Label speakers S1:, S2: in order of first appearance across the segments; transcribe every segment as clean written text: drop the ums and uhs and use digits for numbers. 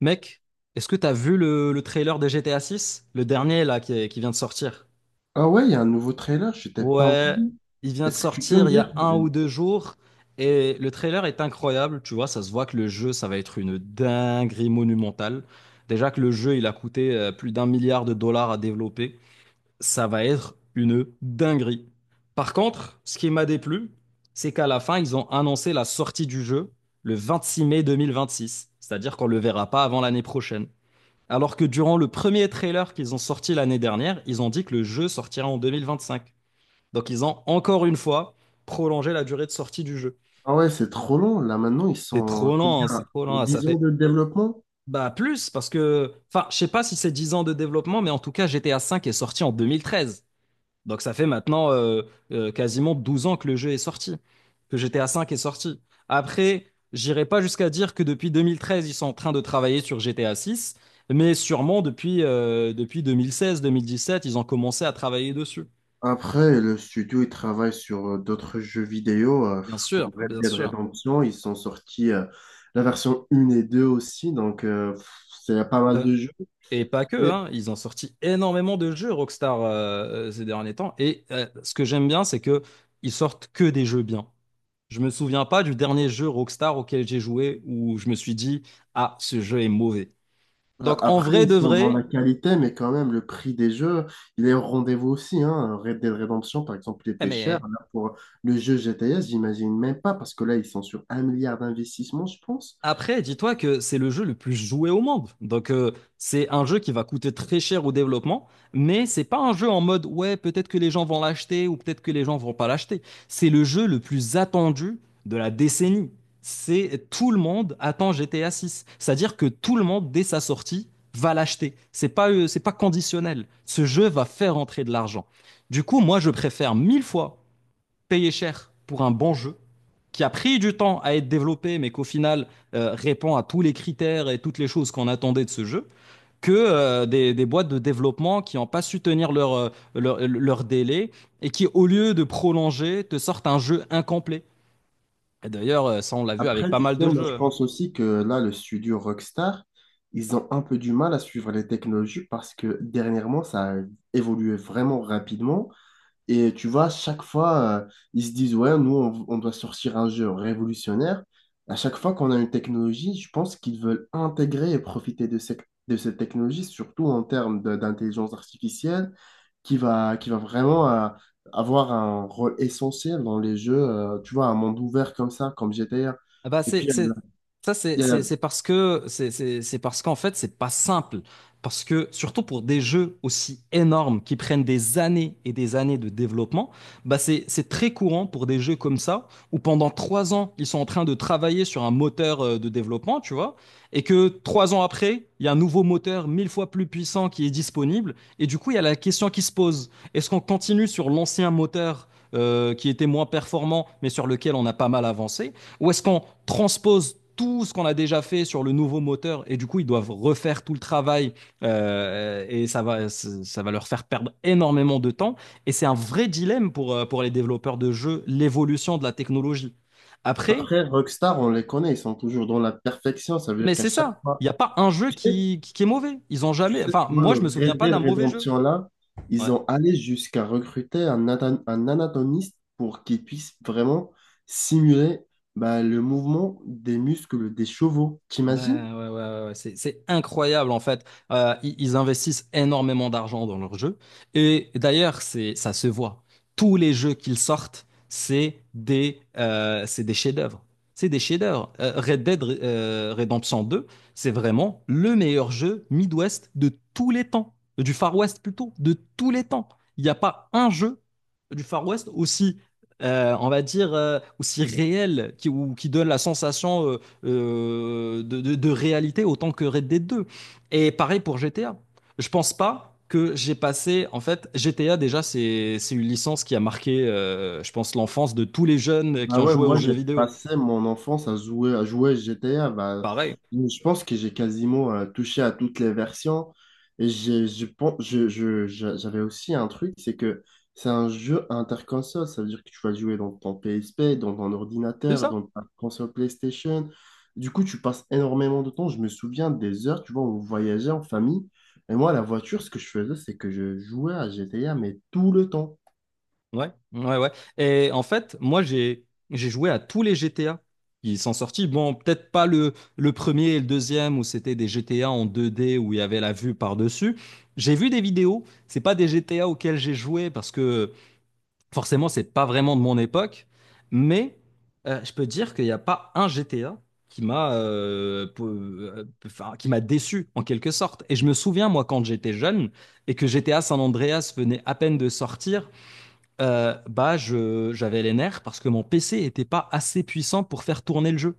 S1: Mec, est-ce que t'as vu le trailer de GTA Six, le dernier là qui vient de sortir.
S2: Ah ouais, il y a un nouveau trailer, je t'ai pas au
S1: Ouais,
S2: courant.
S1: il vient de
S2: Est-ce que tu peux me
S1: sortir il y
S2: dire?
S1: a un ou deux jours et le trailer est incroyable, tu vois, ça se voit que le jeu ça va être une dinguerie monumentale. Déjà que le jeu il a coûté plus d'un milliard de dollars à développer, ça va être une dinguerie. Par contre, ce qui m'a déplu, c'est qu'à la fin ils ont annoncé la sortie du jeu le 26 mai 2026, c'est-à-dire qu'on le verra pas avant l'année prochaine. Alors que durant le premier trailer qu'ils ont sorti l'année dernière, ils ont dit que le jeu sortira en 2025. Donc ils ont encore une fois prolongé la durée de sortie du jeu.
S2: Ah ouais, c'est trop long. Là maintenant, ils
S1: C'est
S2: sont à
S1: trop lent,
S2: combien?
S1: hein, c'est trop
S2: Sur
S1: lent, ça
S2: 10 ans
S1: fait...
S2: de développement?
S1: Bah plus, parce que... Enfin, je sais pas si c'est 10 ans de développement, mais en tout cas GTA V est sorti en 2013. Donc ça fait maintenant quasiment 12 ans que le jeu est sorti, que GTA V est sorti. Après, j'irai pas jusqu'à dire que depuis 2013, ils sont en train de travailler sur GTA 6, mais sûrement depuis, depuis 2016-2017, ils ont commencé à travailler dessus.
S2: Après, le studio, il travaille sur d'autres jeux vidéo,
S1: Bien sûr,
S2: comme Red
S1: bien
S2: Dead
S1: sûr.
S2: Redemption. Ils sont sortis la version 1 et 2 aussi, donc pff, c'est pas mal
S1: Euh,
S2: de jeux.
S1: Et pas que, hein, ils ont sorti énormément de jeux Rockstar ces derniers temps. Et ce que j'aime bien, c'est que ils sortent que des jeux bien. Je me souviens pas du dernier jeu Rockstar auquel j'ai joué où je me suis dit, ah, ce jeu est mauvais. Donc en
S2: Après,
S1: vrai
S2: ils
S1: de
S2: sont dans
S1: vrai,
S2: la qualité, mais quand même, le prix des jeux, il est au rendez-vous aussi, hein. Red Dead Redemption, par exemple, il
S1: eh
S2: était cher.
S1: mais
S2: Là, pour le jeu GTS, j'imagine même pas, parce que là, ils sont sur un milliard d'investissements, je pense.
S1: après, dis-toi que c'est le jeu le plus joué au monde. Donc, c'est un jeu qui va coûter très cher au développement, mais c'est pas un jeu en mode, ouais, peut-être que les gens vont l'acheter ou peut-être que les gens vont pas l'acheter. C'est le jeu le plus attendu de la décennie. C'est tout le monde attend GTA 6. C'est-à-dire que tout le monde, dès sa sortie, va l'acheter. C'est pas conditionnel. Ce jeu va faire entrer de l'argent. Du coup, moi, je préfère mille fois payé cher pour un bon jeu qui a pris du temps à être développé, mais qu'au final répond à tous les critères et toutes les choses qu'on attendait de ce jeu, que des boîtes de développement qui n'ont pas su tenir leur, leur, leur délai et qui, au lieu de prolonger, te sortent un jeu incomplet. Et d'ailleurs, ça, on l'a vu avec
S2: Après,
S1: pas
S2: tu
S1: mal
S2: sais,
S1: de
S2: moi, je
S1: jeux.
S2: pense aussi que là, le studio Rockstar, ils ont un peu du mal à suivre les technologies parce que dernièrement, ça a évolué vraiment rapidement. Et tu vois, chaque fois, ils se disent, ouais, nous, on doit sortir un jeu révolutionnaire. À chaque fois qu'on a une technologie, je pense qu'ils veulent intégrer et profiter de cette technologie, surtout en termes d'intelligence artificielle, qui va vraiment avoir un rôle essentiel dans les jeux, tu vois, un monde ouvert comme ça, comme GTA.
S1: Ah bah
S2: Et puis,
S1: c'est,
S2: il y a la-
S1: c'est, ça,
S2: il y a la-
S1: c'est parce que, c'est parce qu'en fait, c'est pas simple. Parce que, surtout pour des jeux aussi énormes qui prennent des années et des années de développement, bah c'est très courant pour des jeux comme ça, où pendant trois ans, ils sont en train de travailler sur un moteur de développement, tu vois, et que trois ans après, il y a un nouveau moteur mille fois plus puissant qui est disponible, et du coup, il y a la question qui se pose, est-ce qu'on continue sur l'ancien moteur qui était moins performant, mais sur lequel on a pas mal avancé? Ou est-ce qu'on transpose tout ce qu'on a déjà fait sur le nouveau moteur et du coup ils doivent refaire tout le travail et ça va leur faire perdre énormément de temps et c'est un vrai dilemme pour les développeurs de jeux, l'évolution de la technologie après.
S2: après, Rockstar, on les connaît, ils sont toujours dans la perfection, ça veut dire
S1: Mais
S2: qu'à
S1: c'est
S2: chaque
S1: ça, il
S2: fois…
S1: n'y a pas un jeu qui est mauvais, ils ont
S2: Tu
S1: jamais,
S2: sais, tu
S1: enfin
S2: vois,
S1: moi
S2: le
S1: je me souviens
S2: Red
S1: pas
S2: Dead
S1: d'un mauvais jeu.
S2: Redemption là,
S1: Ouais.
S2: ils ont allé jusqu'à recruter un anatomiste pour qu'il puisse vraiment simuler bah, le mouvement des muscles des chevaux.
S1: Ouais,
S2: T'imagines?
S1: ouais, ouais, ouais, ouais, c'est incroyable en fait. Ils investissent énormément d'argent dans leurs jeux. Et d'ailleurs, ça se voit. Tous les jeux qu'ils sortent, c'est des chefs-d'œuvre. C'est des chefs-d'œuvre. Red Dead Redemption 2, c'est vraiment le meilleur jeu Midwest de tous les temps. Du Far West plutôt, de tous les temps. Il n'y a pas un jeu du Far West aussi, on va dire, aussi réel qui, ou qui donne la sensation de réalité autant que Red Dead 2. Et pareil pour GTA. Je pense pas que j'ai passé, en fait, GTA déjà, c'est une licence qui a marqué, je pense, l'enfance de tous les jeunes qui
S2: Bah
S1: ont
S2: ouais,
S1: joué aux
S2: moi
S1: jeux
S2: j'ai
S1: vidéo.
S2: passé mon enfance à jouer à GTA. Bah,
S1: Pareil,
S2: je pense que j'ai quasiment touché à toutes les versions. Et j'ai, je pense, je- j'avais aussi un truc, c'est que c'est un jeu interconsole. Ça veut dire que tu vas jouer dans ton PSP, dans ton
S1: c'est
S2: ordinateur,
S1: ça.
S2: dans ta console PlayStation. Du coup, tu passes énormément de temps. Je me souviens des heures, tu vois, où on voyageait en famille. Et moi, la voiture, ce que je faisais, c'est que je jouais à GTA, mais tout le temps.
S1: Ouais, ouais, ouais. Et en fait, moi, j'ai joué à tous les GTA qui sont sortis. Bon, peut-être pas le premier et le deuxième où c'était des GTA en 2D où il y avait la vue par-dessus. J'ai vu des vidéos, c'est pas des GTA auxquels j'ai joué parce que forcément, c'est pas vraiment de mon époque, mais je peux dire qu'il n'y a pas un GTA qui m'a enfin, qui m'a déçu en quelque sorte. Et je me souviens, moi, quand j'étais jeune et que GTA San Andreas venait à peine de sortir, bah, j'avais les nerfs parce que mon PC était pas assez puissant pour faire tourner le jeu.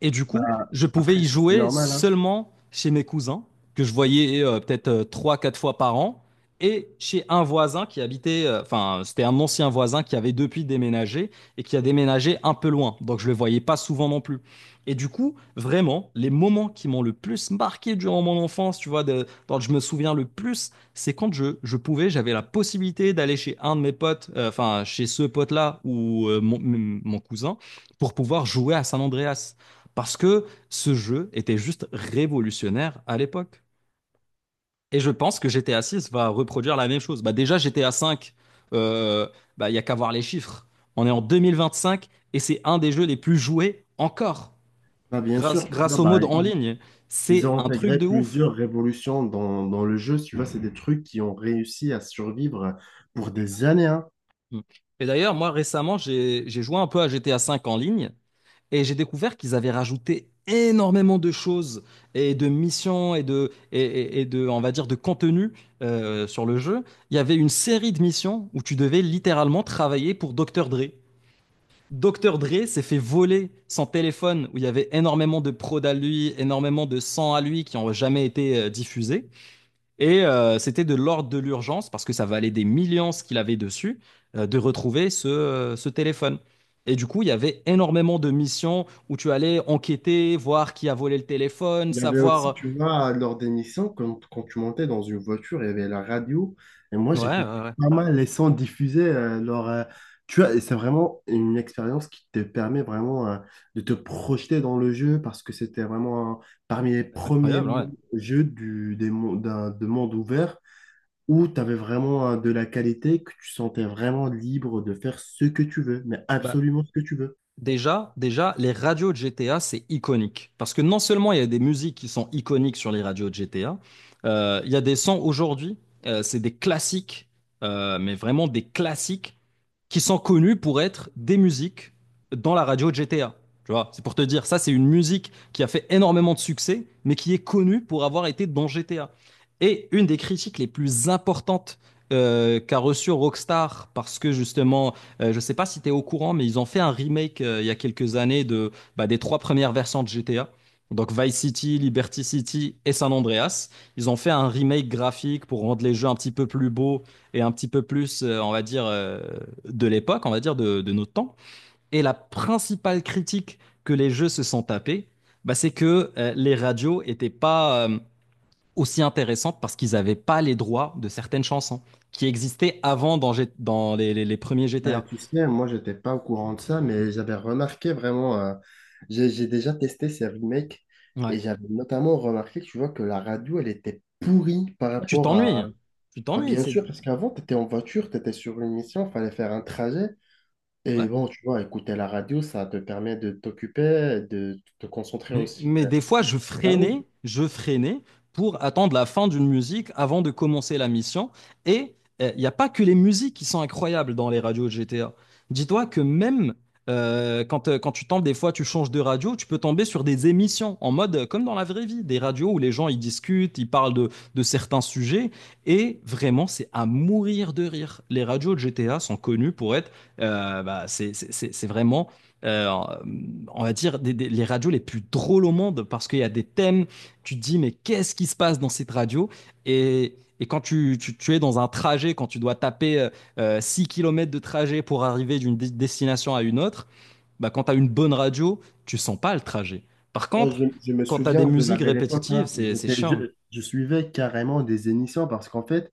S1: Et du coup, je pouvais
S2: Après,
S1: y
S2: ça, c'est
S1: jouer
S2: normal, hein.
S1: seulement chez mes cousins, que je voyais peut-être trois, quatre fois par an, et chez un voisin qui habitait, enfin, c'était un ancien voisin qui avait depuis déménagé et qui a déménagé un peu loin. Donc, je le voyais pas souvent non plus. Et du coup, vraiment, les moments qui m'ont le plus marqué durant mon enfance, tu vois, de, dont je me souviens le plus, c'est quand je pouvais, j'avais la possibilité d'aller chez un de mes potes, enfin, chez ce pote-là ou mon cousin, pour pouvoir jouer à San Andreas. Parce que ce jeu était juste révolutionnaire à l'époque. Et je pense que GTA 6 va reproduire la même chose. Bah déjà, GTA 5, il bah, il y a qu'à voir les chiffres. On est en 2025 et c'est un des jeux les plus joués encore,
S2: Bah, bien sûr, tu vois,
S1: grâce au
S2: bah,
S1: mode en ligne.
S2: ils
S1: C'est
S2: ont
S1: un truc
S2: intégré
S1: de ouf.
S2: plusieurs révolutions dans le jeu. Si tu vois, c'est des trucs qui ont réussi à survivre pour des années, hein.
S1: Et d'ailleurs, moi récemment, j'ai joué un peu à GTA 5 en ligne. Et j'ai découvert qu'ils avaient rajouté énormément de choses et de missions et de, et de, on va dire, de contenu sur le jeu. Il y avait une série de missions où tu devais littéralement travailler pour Docteur Dre. Docteur Dre s'est fait voler son téléphone où il y avait énormément de prod à lui, énormément de sang à lui qui n'ont jamais été diffusés. Et c'était de l'ordre de l'urgence, parce que ça valait des millions ce qu'il avait dessus, de retrouver ce, ce téléphone. Et du coup, il y avait énormément de missions où tu allais enquêter, voir qui a volé le téléphone,
S2: Il y avait aussi,
S1: savoir...
S2: tu vois, lors des missions, quand tu montais dans une voiture, il y avait la radio. Et moi,
S1: Ouais,
S2: j'écoutais
S1: ouais, ouais.
S2: pas mal les sons diffusés tu vois, et c'est vraiment une expérience qui te permet vraiment de te projeter dans le jeu parce que c'était vraiment parmi les premiers
S1: Incroyable, ouais.
S2: jeux du, des, mon- d'un- de monde ouvert où tu avais vraiment de la qualité, que tu sentais vraiment libre de faire ce que tu veux, mais
S1: Bah,
S2: absolument ce que tu veux.
S1: déjà, déjà, les radios de GTA, c'est iconique. Parce que non seulement il y a des musiques qui sont iconiques sur les radios de GTA, il y a des sons aujourd'hui, c'est des classiques, mais vraiment des classiques qui sont connus pour être des musiques dans la radio de GTA. Tu vois, c'est pour te dire, ça, c'est une musique qui a fait énormément de succès, mais qui est connue pour avoir été dans GTA. Et une des critiques les plus importantes qu'a reçue Rockstar, parce que justement, je ne sais pas si tu es au courant, mais ils ont fait un remake il y a quelques années de, bah, des trois premières versions de GTA. Donc Vice City, Liberty City et San Andreas. Ils ont fait un remake graphique pour rendre les jeux un petit peu plus beaux, et un petit peu plus, on va dire, de l'époque, on va dire, de notre temps. Et la principale critique que les jeux se sont tapés, bah, c'est que les radios étaient pas aussi intéressantes parce qu'ils n'avaient pas les droits de certaines chansons qui existaient avant dans, dans les premiers
S2: Bah,
S1: GTA.
S2: tu sais, moi, j'étais pas au courant de ça, mais j'avais remarqué vraiment, j'ai déjà testé ces remakes et
S1: Ouais.
S2: j'avais notamment remarqué, tu vois, que la radio, elle était pourrie par
S1: Ah, tu
S2: rapport à…
S1: t'ennuies. Tu
S2: Bah,
S1: t'ennuies.
S2: bien sûr,
S1: C'est...
S2: parce qu'avant, tu étais en voiture, tu étais sur une mission, fallait faire un trajet. Et
S1: Ouais.
S2: bon, tu vois, écouter la radio, ça te permet de t'occuper, de te concentrer
S1: Mais,
S2: aussi,
S1: mais des fois,
S2: sur la route.
S1: je freinais pour attendre la fin d'une musique avant de commencer la mission. Et il n'y a pas que les musiques qui sont incroyables dans les radios GTA. Dis-toi que même quand, quand tu tombes, des fois, tu changes de radio, tu peux tomber sur des émissions en mode comme dans la vraie vie, des radios où les gens ils discutent, ils parlent de certains sujets. Et vraiment, c'est à mourir de rire. Les radios de GTA sont connues pour être, bah, c'est vraiment euh, on va dire, les radios les plus drôles au monde parce qu'il y a des thèmes, tu te dis, mais qu'est-ce qui se passe dans cette radio? Et quand tu es dans un trajet, quand tu dois taper 6 km de trajet pour arriver d'une destination à une autre, bah, quand tu as une bonne radio, tu sens pas le trajet. Par
S2: Moi,
S1: contre,
S2: je me
S1: quand tu as des
S2: souviens de la
S1: musiques
S2: belle époque,
S1: répétitives,
S2: hein.
S1: c'est chiant.
S2: Je suivais carrément des émissions parce qu'en fait,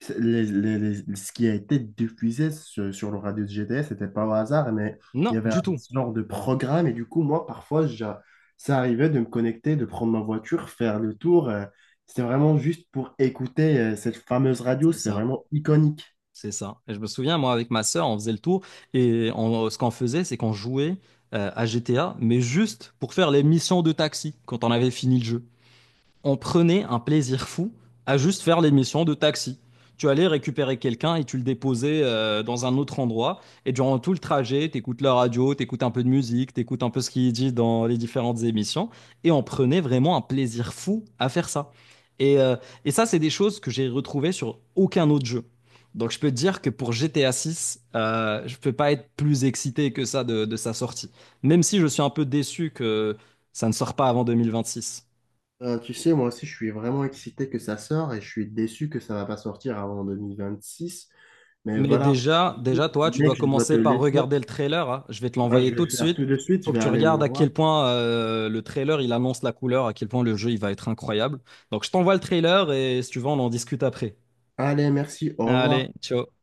S2: ce qui a été diffusé sur le radio de GTS, c'était pas au hasard, mais il y
S1: Non,
S2: avait un
S1: du tout.
S2: genre de programme et du coup, moi, parfois, ça arrivait de me connecter, de prendre ma voiture, faire le tour, c'était vraiment juste pour écouter cette fameuse radio,
S1: C'est
S2: c'est
S1: ça.
S2: vraiment iconique.
S1: C'est ça. Et je me souviens, moi, avec ma sœur, on faisait le tour et ce qu'on faisait, c'est qu'on jouait à GTA, mais juste pour faire les missions de taxi quand on avait fini le jeu, on prenait un plaisir fou à juste faire l'émission de taxi. Tu allais récupérer quelqu'un et tu le déposais dans un autre endroit. Et durant tout le trajet, t'écoutes la radio, t'écoutes un peu de musique, t'écoutes un peu ce qu'il dit dans les différentes émissions. Et on prenait vraiment un plaisir fou à faire ça. Et, euh, et ça, c'est des choses que j'ai retrouvées sur aucun autre jeu. Donc je peux te dire que pour GTA 6, je peux pas être plus excité que ça de sa sortie. Même si je suis un peu déçu que ça ne sort pas avant 2026.
S2: Tu sais, moi aussi, je suis vraiment excité que ça sorte et je suis déçu que ça va pas sortir avant 2026. Mais
S1: Mais
S2: voilà,
S1: déjà,
S2: écoute,
S1: déjà, toi, tu
S2: mec,
S1: dois
S2: je dois te
S1: commencer par
S2: laisser.
S1: regarder le trailer, hein. Je vais te
S2: Moi,
S1: l'envoyer
S2: je vais
S1: tout
S2: le
S1: de
S2: faire
S1: suite.
S2: tout de suite. Je
S1: Faut que
S2: vais
S1: tu
S2: aller le
S1: regardes à
S2: voir.
S1: quel point le trailer il annonce la couleur, à quel point le jeu il va être incroyable. Donc je t'envoie le trailer et si tu veux, on en discute après.
S2: Allez, merci. Au revoir.
S1: Allez, ciao.